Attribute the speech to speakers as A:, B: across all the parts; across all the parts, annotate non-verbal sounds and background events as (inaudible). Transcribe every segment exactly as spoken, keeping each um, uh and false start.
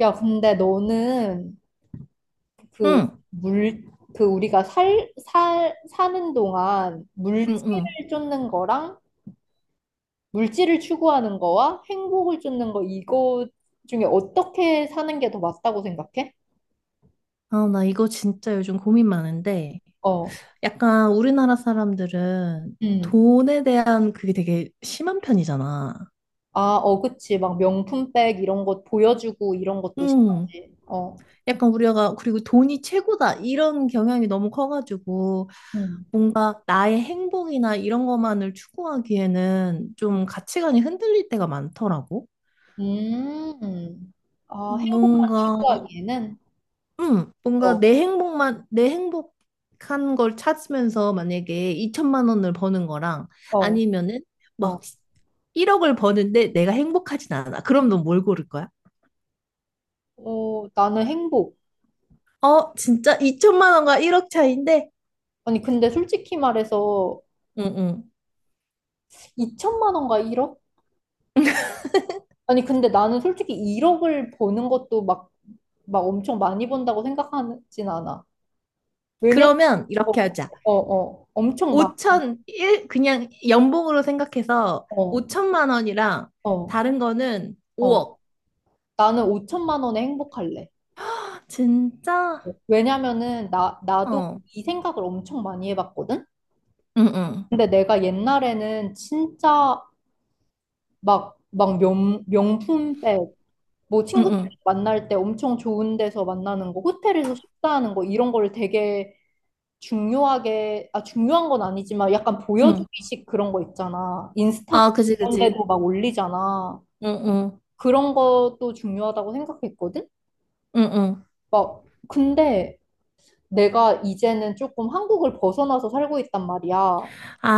A: 야, 근데 너는 그
B: 응,
A: 물, 그 우리가 살, 살, 사는 동안
B: 응, 응.
A: 물질을 쫓는 거랑 물질을 추구하는 거와 행복을 쫓는 거 이거 중에 어떻게 사는 게 더 맞다고 생각해?
B: 아, 나 이거 진짜 요즘 고민 많은데,
A: 어,
B: 약간 우리나라 사람들은
A: 음.
B: 돈에 대한 그게 되게 심한 편이잖아.
A: 아, 어, 그치. 막 명품백 이런 것 보여주고 이런 것도
B: 응.
A: 싫어하지. 어,
B: 약간 우리가, 그리고 돈이 최고다, 이런 경향이 너무 커가지고,
A: 음.
B: 뭔가 나의 행복이나 이런 것만을 추구하기에는 좀 가치관이 흔들릴 때가 많더라고.
A: 음. 아, 행복만
B: 뭔가
A: 추구하기에는?
B: 응, 뭔가
A: 어,
B: 내 행복만, 내 행복한 걸 찾으면서 만약에 이천만 원을 버는 거랑
A: 어,
B: 아니면은 막
A: 어.
B: 일억을 버는데 내가 행복하진 않아. 그럼 넌 뭘 고를 거야?
A: 어, 나는 행복.
B: 어, 진짜 이천만 원과 일억 차이인데?
A: 아니, 근데 솔직히 말해서
B: 응, 응.
A: 이천만 원과 일억? 아니, 근데 나는 솔직히 일억을 버는 것도 막, 막 엄청 많이 번다고 생각하진 않아. 왜냐면,
B: 그러면
A: 어,
B: 이렇게
A: 어,
B: 하자.
A: 어, 엄청 많,
B: 오천, 일 그냥 연봉으로 생각해서
A: 어,
B: 오천만 원이랑
A: 어,
B: 다른 거는
A: 어.
B: 오억.
A: 나는 오천만 원에 행복할래.
B: 진짜?
A: 왜냐면은, 나, 나도
B: 어.
A: 이 생각을 엄청 많이 해봤거든?
B: 응, 응.
A: 근데 내가 옛날에는 진짜 막, 막 명, 명품백, 뭐
B: 응,
A: 친구들
B: 응.
A: 만날 때 엄청 좋은 데서 만나는 거, 호텔에서 식사하는 거 이런 거를 되게 중요하게 아 중요한 건 아니지만 약간
B: 응.
A: 보여주기식 그런 거 있잖아. 인스타
B: 아, 그지,
A: 이런
B: 그지.
A: 데도 막 올리잖아.
B: 응, 응.
A: 그런 것도 중요하다고 생각했거든.
B: 응, 응.
A: 막 근데 내가 이제는 조금 한국을 벗어나서 살고 있단 말이야.
B: 아,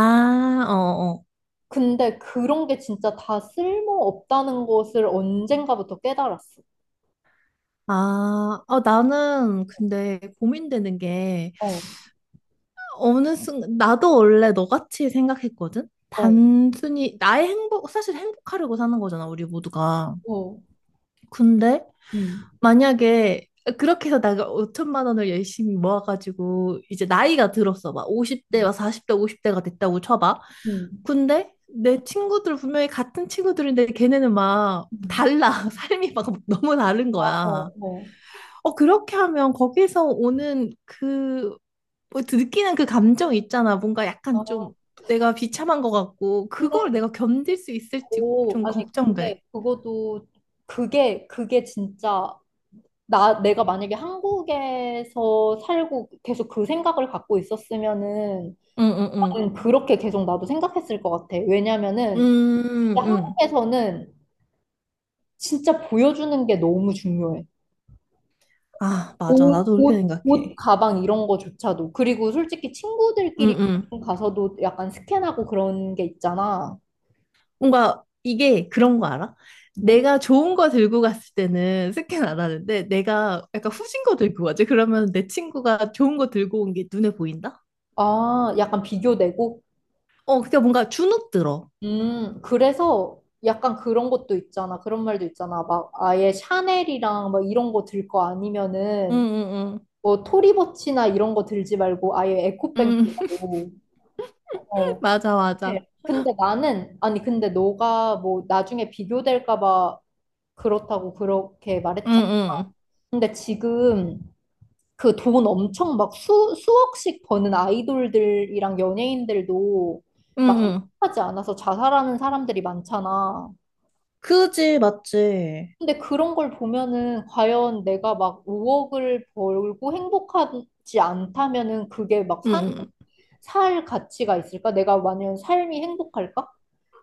B: 어, 어.
A: 근데 그런 게 진짜 다 쓸모없다는 것을 언젠가부터 깨달았어.
B: 아, 어, 나는 근데 고민되는 게
A: 어,
B: 어느 순간 나도 원래 너같이 생각했거든?
A: 어,
B: 단순히 나의 행복, 사실 행복하려고 사는 거잖아, 우리 모두가.
A: 어.
B: 근데
A: 음,
B: 만약에 그렇게 해서 내가 오천만 원을 열심히 모아가지고 이제 나이가 들었어. 막 오십 대, 막 사십 대, 오십 대가 됐다고 쳐봐.
A: 음.
B: 근데 내 친구들 분명히 같은 친구들인데 걔네는 막
A: 음.
B: 달라. (laughs) 삶이 막 너무 다른
A: 아,
B: 거야.
A: 어, 어.
B: 어, 그렇게 하면 거기서 오는 그, 뭐, 느끼는 그 감정 있잖아. 뭔가
A: 아,
B: 약간 좀 내가 비참한 것 같고, 그걸
A: 근데,
B: 내가 견딜 수 있을지
A: 오,
B: 좀
A: 아니, 근데
B: 걱정돼.
A: 그것도, 그게, 그게 진짜, 나, 내가 만약에 한국에서 살고 계속 그 생각을 갖고 있었으면은,
B: 응, 응, 응.
A: 나는 그렇게 계속 나도 생각했을 것 같아. 왜냐면은, 진짜
B: 음, 응.
A: 한국에서는 진짜 보여주는 게 너무 중요해.
B: 아, 맞아.
A: 옷,
B: 나도 그렇게
A: 옷, 옷,
B: 생각해.
A: 가방 이런 거조차도. 그리고 솔직히
B: 응,
A: 친구들끼리
B: 응.
A: 가서도 약간 스캔하고 그런 게 있잖아.
B: 뭔가 이게 그런 거 알아?
A: 뭐?
B: 내가 좋은 거 들고 갔을 때는 스캔 안 하는데, 내가 약간 후진 거 들고 가지. 그러면 내 친구가 좋은 거 들고 온 게 눈에 보인다?
A: 아, 약간 비교되고.
B: 어, 그러니까 뭔가 주눅 들어.
A: 음, 그래서 약간 그런 것도 있잖아. 그런 말도 있잖아. 막 아예 샤넬이랑 막 이런 거 들 거
B: 응,
A: 아니면은
B: 응, 응.
A: 뭐 토리버치나 이런 거 들지 말고 아예 에코백
B: 응.
A: 들라고. 어.
B: 맞아, 맞아.
A: 네. 근데 나는 아니 근데 너가 뭐 나중에 비교될까 봐 그렇다고 그렇게
B: 응,
A: 말했잖아.
B: 응,
A: 근데 지금 그 돈 엄청 막 수, 수억씩 버는 아이돌들이랑 연예인들도
B: 응,
A: 막
B: 응.
A: 행복하지 않아서 자살하는 사람들이 많잖아.
B: 그지, 맞지?
A: 근데 그런 걸 보면은 과연 내가 막 오억을 벌고 행복하지 않다면은 그게 막
B: 응,
A: 사,
B: 응.
A: 살 가치가 있을까? 내가 만약 삶이 행복할까?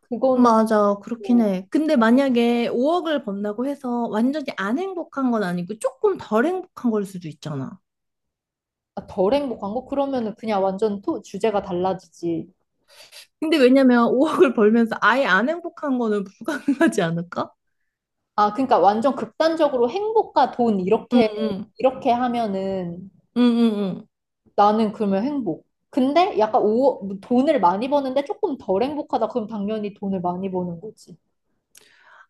A: 그거는
B: 맞아, 그렇긴
A: 또
B: 해. 근데 만약에 오억을 번다고 해서 완전히 안 행복한 건 아니고 조금 덜 행복한 걸 수도 있잖아.
A: 덜 행복한 거? 그러면은 그냥 완전 토, 주제가 달라지지.
B: 근데 왜냐면 오억을 (laughs) 벌면서 아예 안 행복한 거는 (laughs) 불가능하지 않을까?
A: 아, 그러니까 완전 극단적으로 행복과 돈
B: 응,
A: 이렇게
B: 응,
A: 이렇게 하면은
B: 응, 응,
A: 나는 그러면 행복. 근데 약간 오, 돈을 많이 버는데 조금 덜 행복하다. 그럼 당연히 돈을 많이 버는 거지.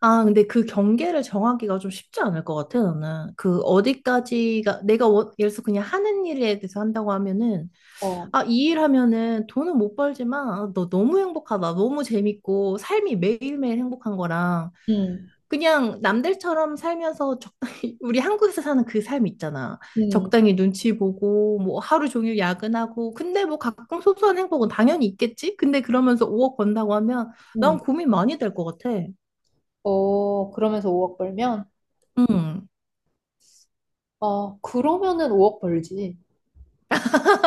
B: 아, 근데 그 경계를 정하기가 좀 쉽지 않을 것 같아, 나는. 그 어디까지가, 내가 원- 예를 들어서 그냥 하는 일에 대해서 한다고 하면은,
A: 어.
B: 아, 이 일 하면은 돈은 못 벌지만, 아, 너 너무 행복하다. 너무 재밌고, 삶이 매일매일 행복한 거랑,
A: 음.
B: 그냥 남들처럼 살면서 적당히, (laughs) 우리 한국에서 사는 그 삶 있잖아.
A: 음.
B: 적당히 눈치 보고, 뭐 하루 종일 야근하고, 근데 뭐 가끔 소소한 행복은 당연히 있겠지? 근데 그러면서 오억 번다고 하면, 난
A: 음.
B: 고민 많이 될 것 같아.
A: 어, 그러면서 오억 벌면?
B: 응.
A: 어, 그러면은 오억 벌지.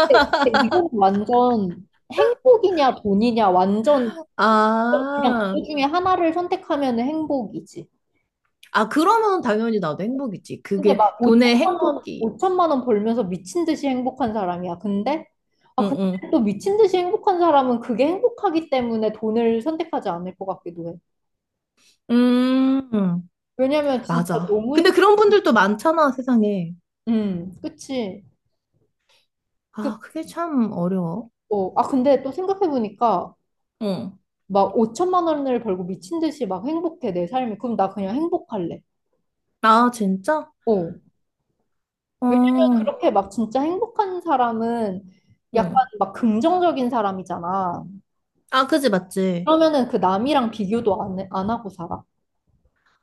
A: 근데, 근데 이건 완전 행복이냐 돈이냐 완전 그냥
B: 아,
A: 그 중에 하나를 선택하면 행복이지.
B: 아, 그러면 당연히 나도 행복이지.
A: 근데
B: 그게
A: 막
B: 돈의
A: 오천만 원,
B: 행복이.
A: 오천만 원 벌면서 미친 듯이 행복한 사람이야. 근데 아,
B: 응,
A: 근데
B: 응.
A: 또 미친 듯이 행복한 사람은 그게 행복하기 때문에 돈을 선택하지 않을 것 같기도 해.
B: 음,
A: 왜냐면 진짜
B: 맞아.
A: 너무
B: 근데
A: 행,
B: 그런 분들도 많잖아, 세상에.
A: 음, 그치. 그,
B: 아, 그게 참 어려워.
A: 어, 아, 근데 또 생각해보니까
B: 응.
A: 막 오천만 원을 벌고 미친 듯이 막 행복해, 내 삶이. 그럼 나 그냥 행복할래.
B: 아, 진짜?
A: 어. 왜냐면
B: 어,
A: 그렇게 막 진짜 행복한 사람은 약간
B: 응.
A: 막 긍정적인 사람이잖아.
B: 아, 그지, 맞지.
A: 그러면은 그 남이랑 비교도 안, 해- 안 하고 살아.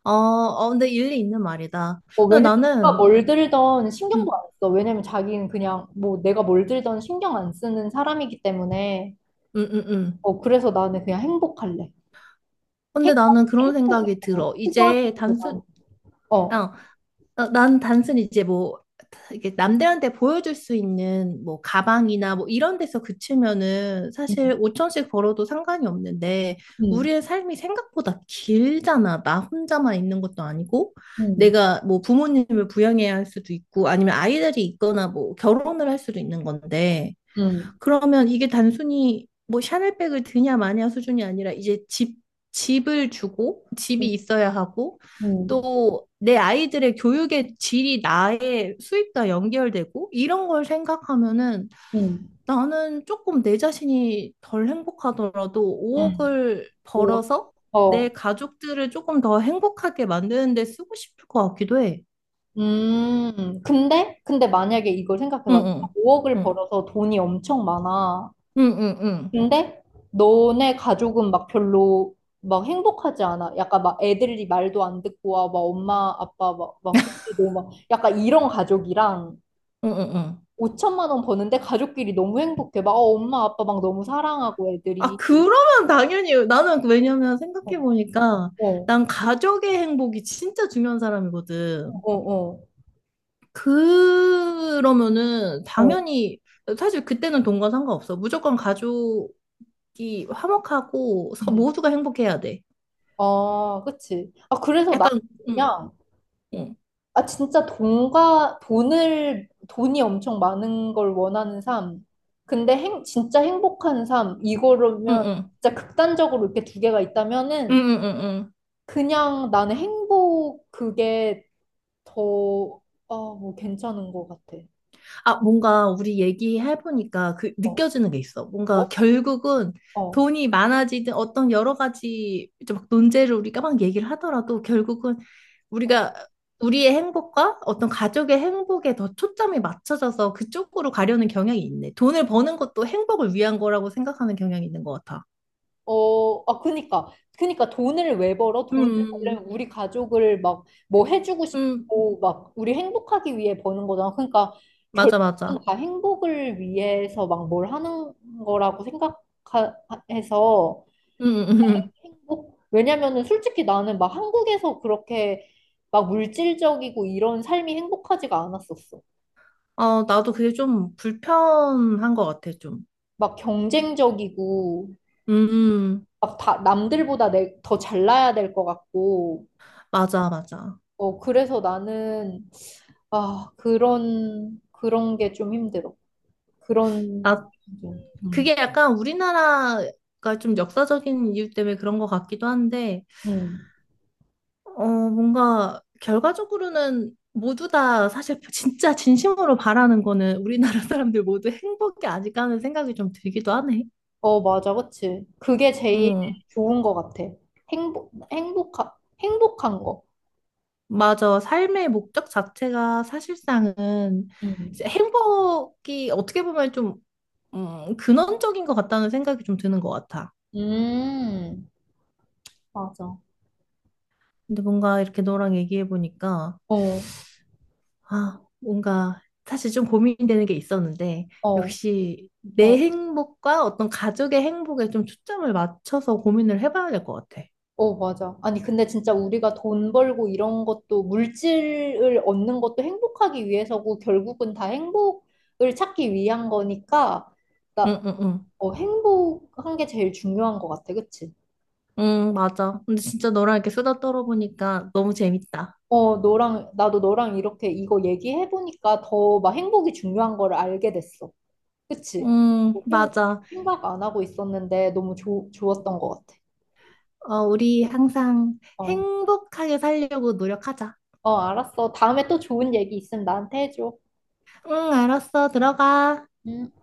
B: 어, 어, 근데 일리 있는 말이다.
A: 어,
B: 근데
A: 왜냐면 내가
B: 나는,
A: 뭘 들던
B: 응,
A: 신경도 안 써. 왜냐면 자기는 그냥 뭐 내가 뭘 들던 신경 안 쓰는 사람이기 때문에
B: 응, 응, 응.
A: 어, 그래서 나는 그냥 행복할래.
B: 근데
A: 행복,
B: 나는 그런
A: 행복이
B: 생각이
A: 더
B: 들어.
A: 필요한
B: 이제
A: 게더
B: 단순,
A: 나은
B: 어,
A: 어.
B: 어, 난 단순히 이제 뭐 이게 남들한테 보여줄 수 있는 뭐 가방이나 뭐 이런 데서 그치면은 사실
A: 음,
B: 오천씩 벌어도 상관이 없는데
A: 음,
B: 우리의 삶이 생각보다 길잖아. 나 혼자만 있는 것도 아니고
A: 음,
B: 내가 뭐 부모님을 부양해야 할 수도 있고 아니면 아이들이 있거나 뭐 결혼을 할 수도 있는 건데
A: 음,
B: 그러면 이게 단순히 뭐 샤넬백을 드냐 마냐 수준이 아니라 이제 집, 집을 주고
A: 음.
B: 집이 있어야 하고
A: 음.
B: 또 내 아이들의 교육의 질이 나의 수입과 연결되고 이런 걸 생각하면은
A: 음.
B: 나는 조금 내 자신이 덜 행복하더라도
A: 음.
B: 오억을
A: 오,
B: 벌어서 내
A: 어.
B: 가족들을 조금 더 행복하게 만드는 데 쓰고 싶을 것 같기도 해.
A: 음. 근데 근데 만약에 이걸
B: 응,
A: 생각해봐.
B: 응,
A: 오억을
B: 응,
A: 벌어서 돈이 엄청 많아.
B: 응, 응, 응,
A: 근데 너네 가족은 막 별로 막 행복하지 않아. 약간 막 애들이 말도 안 듣고 와, 막 엄마 아빠 막막 돕기도 막 약간 이런 가족이랑
B: 응, 응. 응.
A: 오천만 원 버는데 가족끼리 너무 행복해. 막 어, 엄마 아빠 막 너무 사랑하고
B: 아,
A: 애들이
B: 그러면 당연히 나는 왜냐면
A: 어,
B: 생각해보니까
A: 어,
B: 난 가족의 행복이 진짜 중요한 사람이거든.
A: 어, 어,
B: 그러면은
A: 어.
B: 당연히 사실 그때는 돈과 상관없어. 무조건 가족이 화목하고 서-
A: 음.
B: 모두가 행복해야 돼.
A: 아, 그치. 아, 그래서 나
B: 약간 응,
A: 그냥
B: 응,
A: 아, 진짜 돈과, 돈을, 돈이 엄청 많은 걸 원하는 삶. 근데 행, 진짜 행복한 삶.
B: 응,
A: 이거라면,
B: 응.
A: 진짜 극단적으로 이렇게 두 개가
B: 응,
A: 있다면은,
B: 응, 응, 응.
A: 그냥 나는 행복, 그게 더, 어, 뭐, 괜찮은 것 같아.
B: 아, 뭔가 우리 얘기해보니까 그
A: 어,
B: 느껴지는 게 있어. 뭔가
A: 어?
B: 결국은
A: 어.
B: 돈이 많아지든 어떤 여러 가지 이제 막 논제를 우리가 막 얘기를 하더라도 결국은 우리가 우리의 행복과 어떤 가족의 행복에 더 초점이 맞춰져서 그쪽으로 가려는 경향이 있네. 돈을 버는 것도 행복을 위한 거라고 생각하는 경향이 있는 것 같아.
A: 어, 아, 그니까. 그니까 돈을 왜 벌어? 돈을 벌려면
B: 음,
A: 우리 가족을 막 뭐 해주고
B: 음,
A: 싶고, 막 우리 행복하기 위해 버는 거잖아. 그러니까
B: 맞아,
A: 결국은
B: 맞아.
A: 다 행복을 위해서 막 뭘 하는 거라고 생각해서
B: 음, 음, 음.
A: 행복? 왜냐면은 솔직히 나는 막 한국에서 그렇게 막 물질적이고 이런 삶이 행복하지가 않았었어.
B: 어, 나도 그게 좀 불편한 것 같아, 좀.
A: 막 경쟁적이고,
B: 음, 음.
A: 막 다 남들보다 내, 더 잘나야 될 것 같고.
B: 맞아, 맞아.
A: 어, 그래서 나는, 아, 그런, 그런 게 좀 힘들어. 그런,
B: 나,
A: 좀, 음,
B: 그게 약간 우리나라가 좀 역사적인 이유 때문에 그런 것 같기도 한데,
A: 음.
B: 어, 뭔가 결과적으로는 모두 다 사실 (laughs) 진짜 진심으로 바라는 거는 우리나라 (laughs) 사람들 모두 행복이 아닐까 하는 생각이 좀 들기도 하네.
A: 어, 맞아, 그치. 그게 제일
B: 응,
A: 좋은 것 같아. 행복, 행복한, 행복한 거.
B: 맞아. 삶의 목적 자체가 사실상은 이제
A: 음,
B: 행복이 어떻게 보면 좀 음, 근원적인 것 같다는 생각이 좀 드는 것 같아.
A: 음, 맞아.
B: 근데 뭔가 이렇게 너랑 얘기해 보니까
A: 어,
B: 아, 뭔가 사실 좀 고민되는 게 있었는데,
A: 어,
B: 역시 내
A: 어,
B: 행복과 어떤 가족의 행복에 좀 초점을 맞춰서 고민을 해봐야 될 것 같아.
A: 어, 맞아. 아니, 근데 진짜 우리가 돈 벌고 이런 것도, 물질을 얻는 것도 행복하기 위해서고, 결국은 다 행복을 찾기 위한 거니까,
B: 응,
A: 나,
B: 응, 응.
A: 어, 행복한 게 제일 중요한 것 같아, 그치?
B: 응, 맞아. 근데 진짜 너랑 이렇게 수다 떨어보니까 너무 재밌다.
A: 어, 너랑, 나도 너랑 이렇게 이거 얘기해보니까 더 막 행복이 중요한 거를 알게 됐어. 그치?
B: 응,
A: 어, 좀
B: 맞아.
A: 생각 안 하고 있었는데 너무 좋 좋았던 것 같아.
B: 어, 우리 항상
A: 어,
B: 행복하게 살려고 노력하자.
A: 어, 알았어. 다음에 또 좋은 얘기 있으면 나한테 해줘.
B: 응, 알았어. 들어가.
A: 응.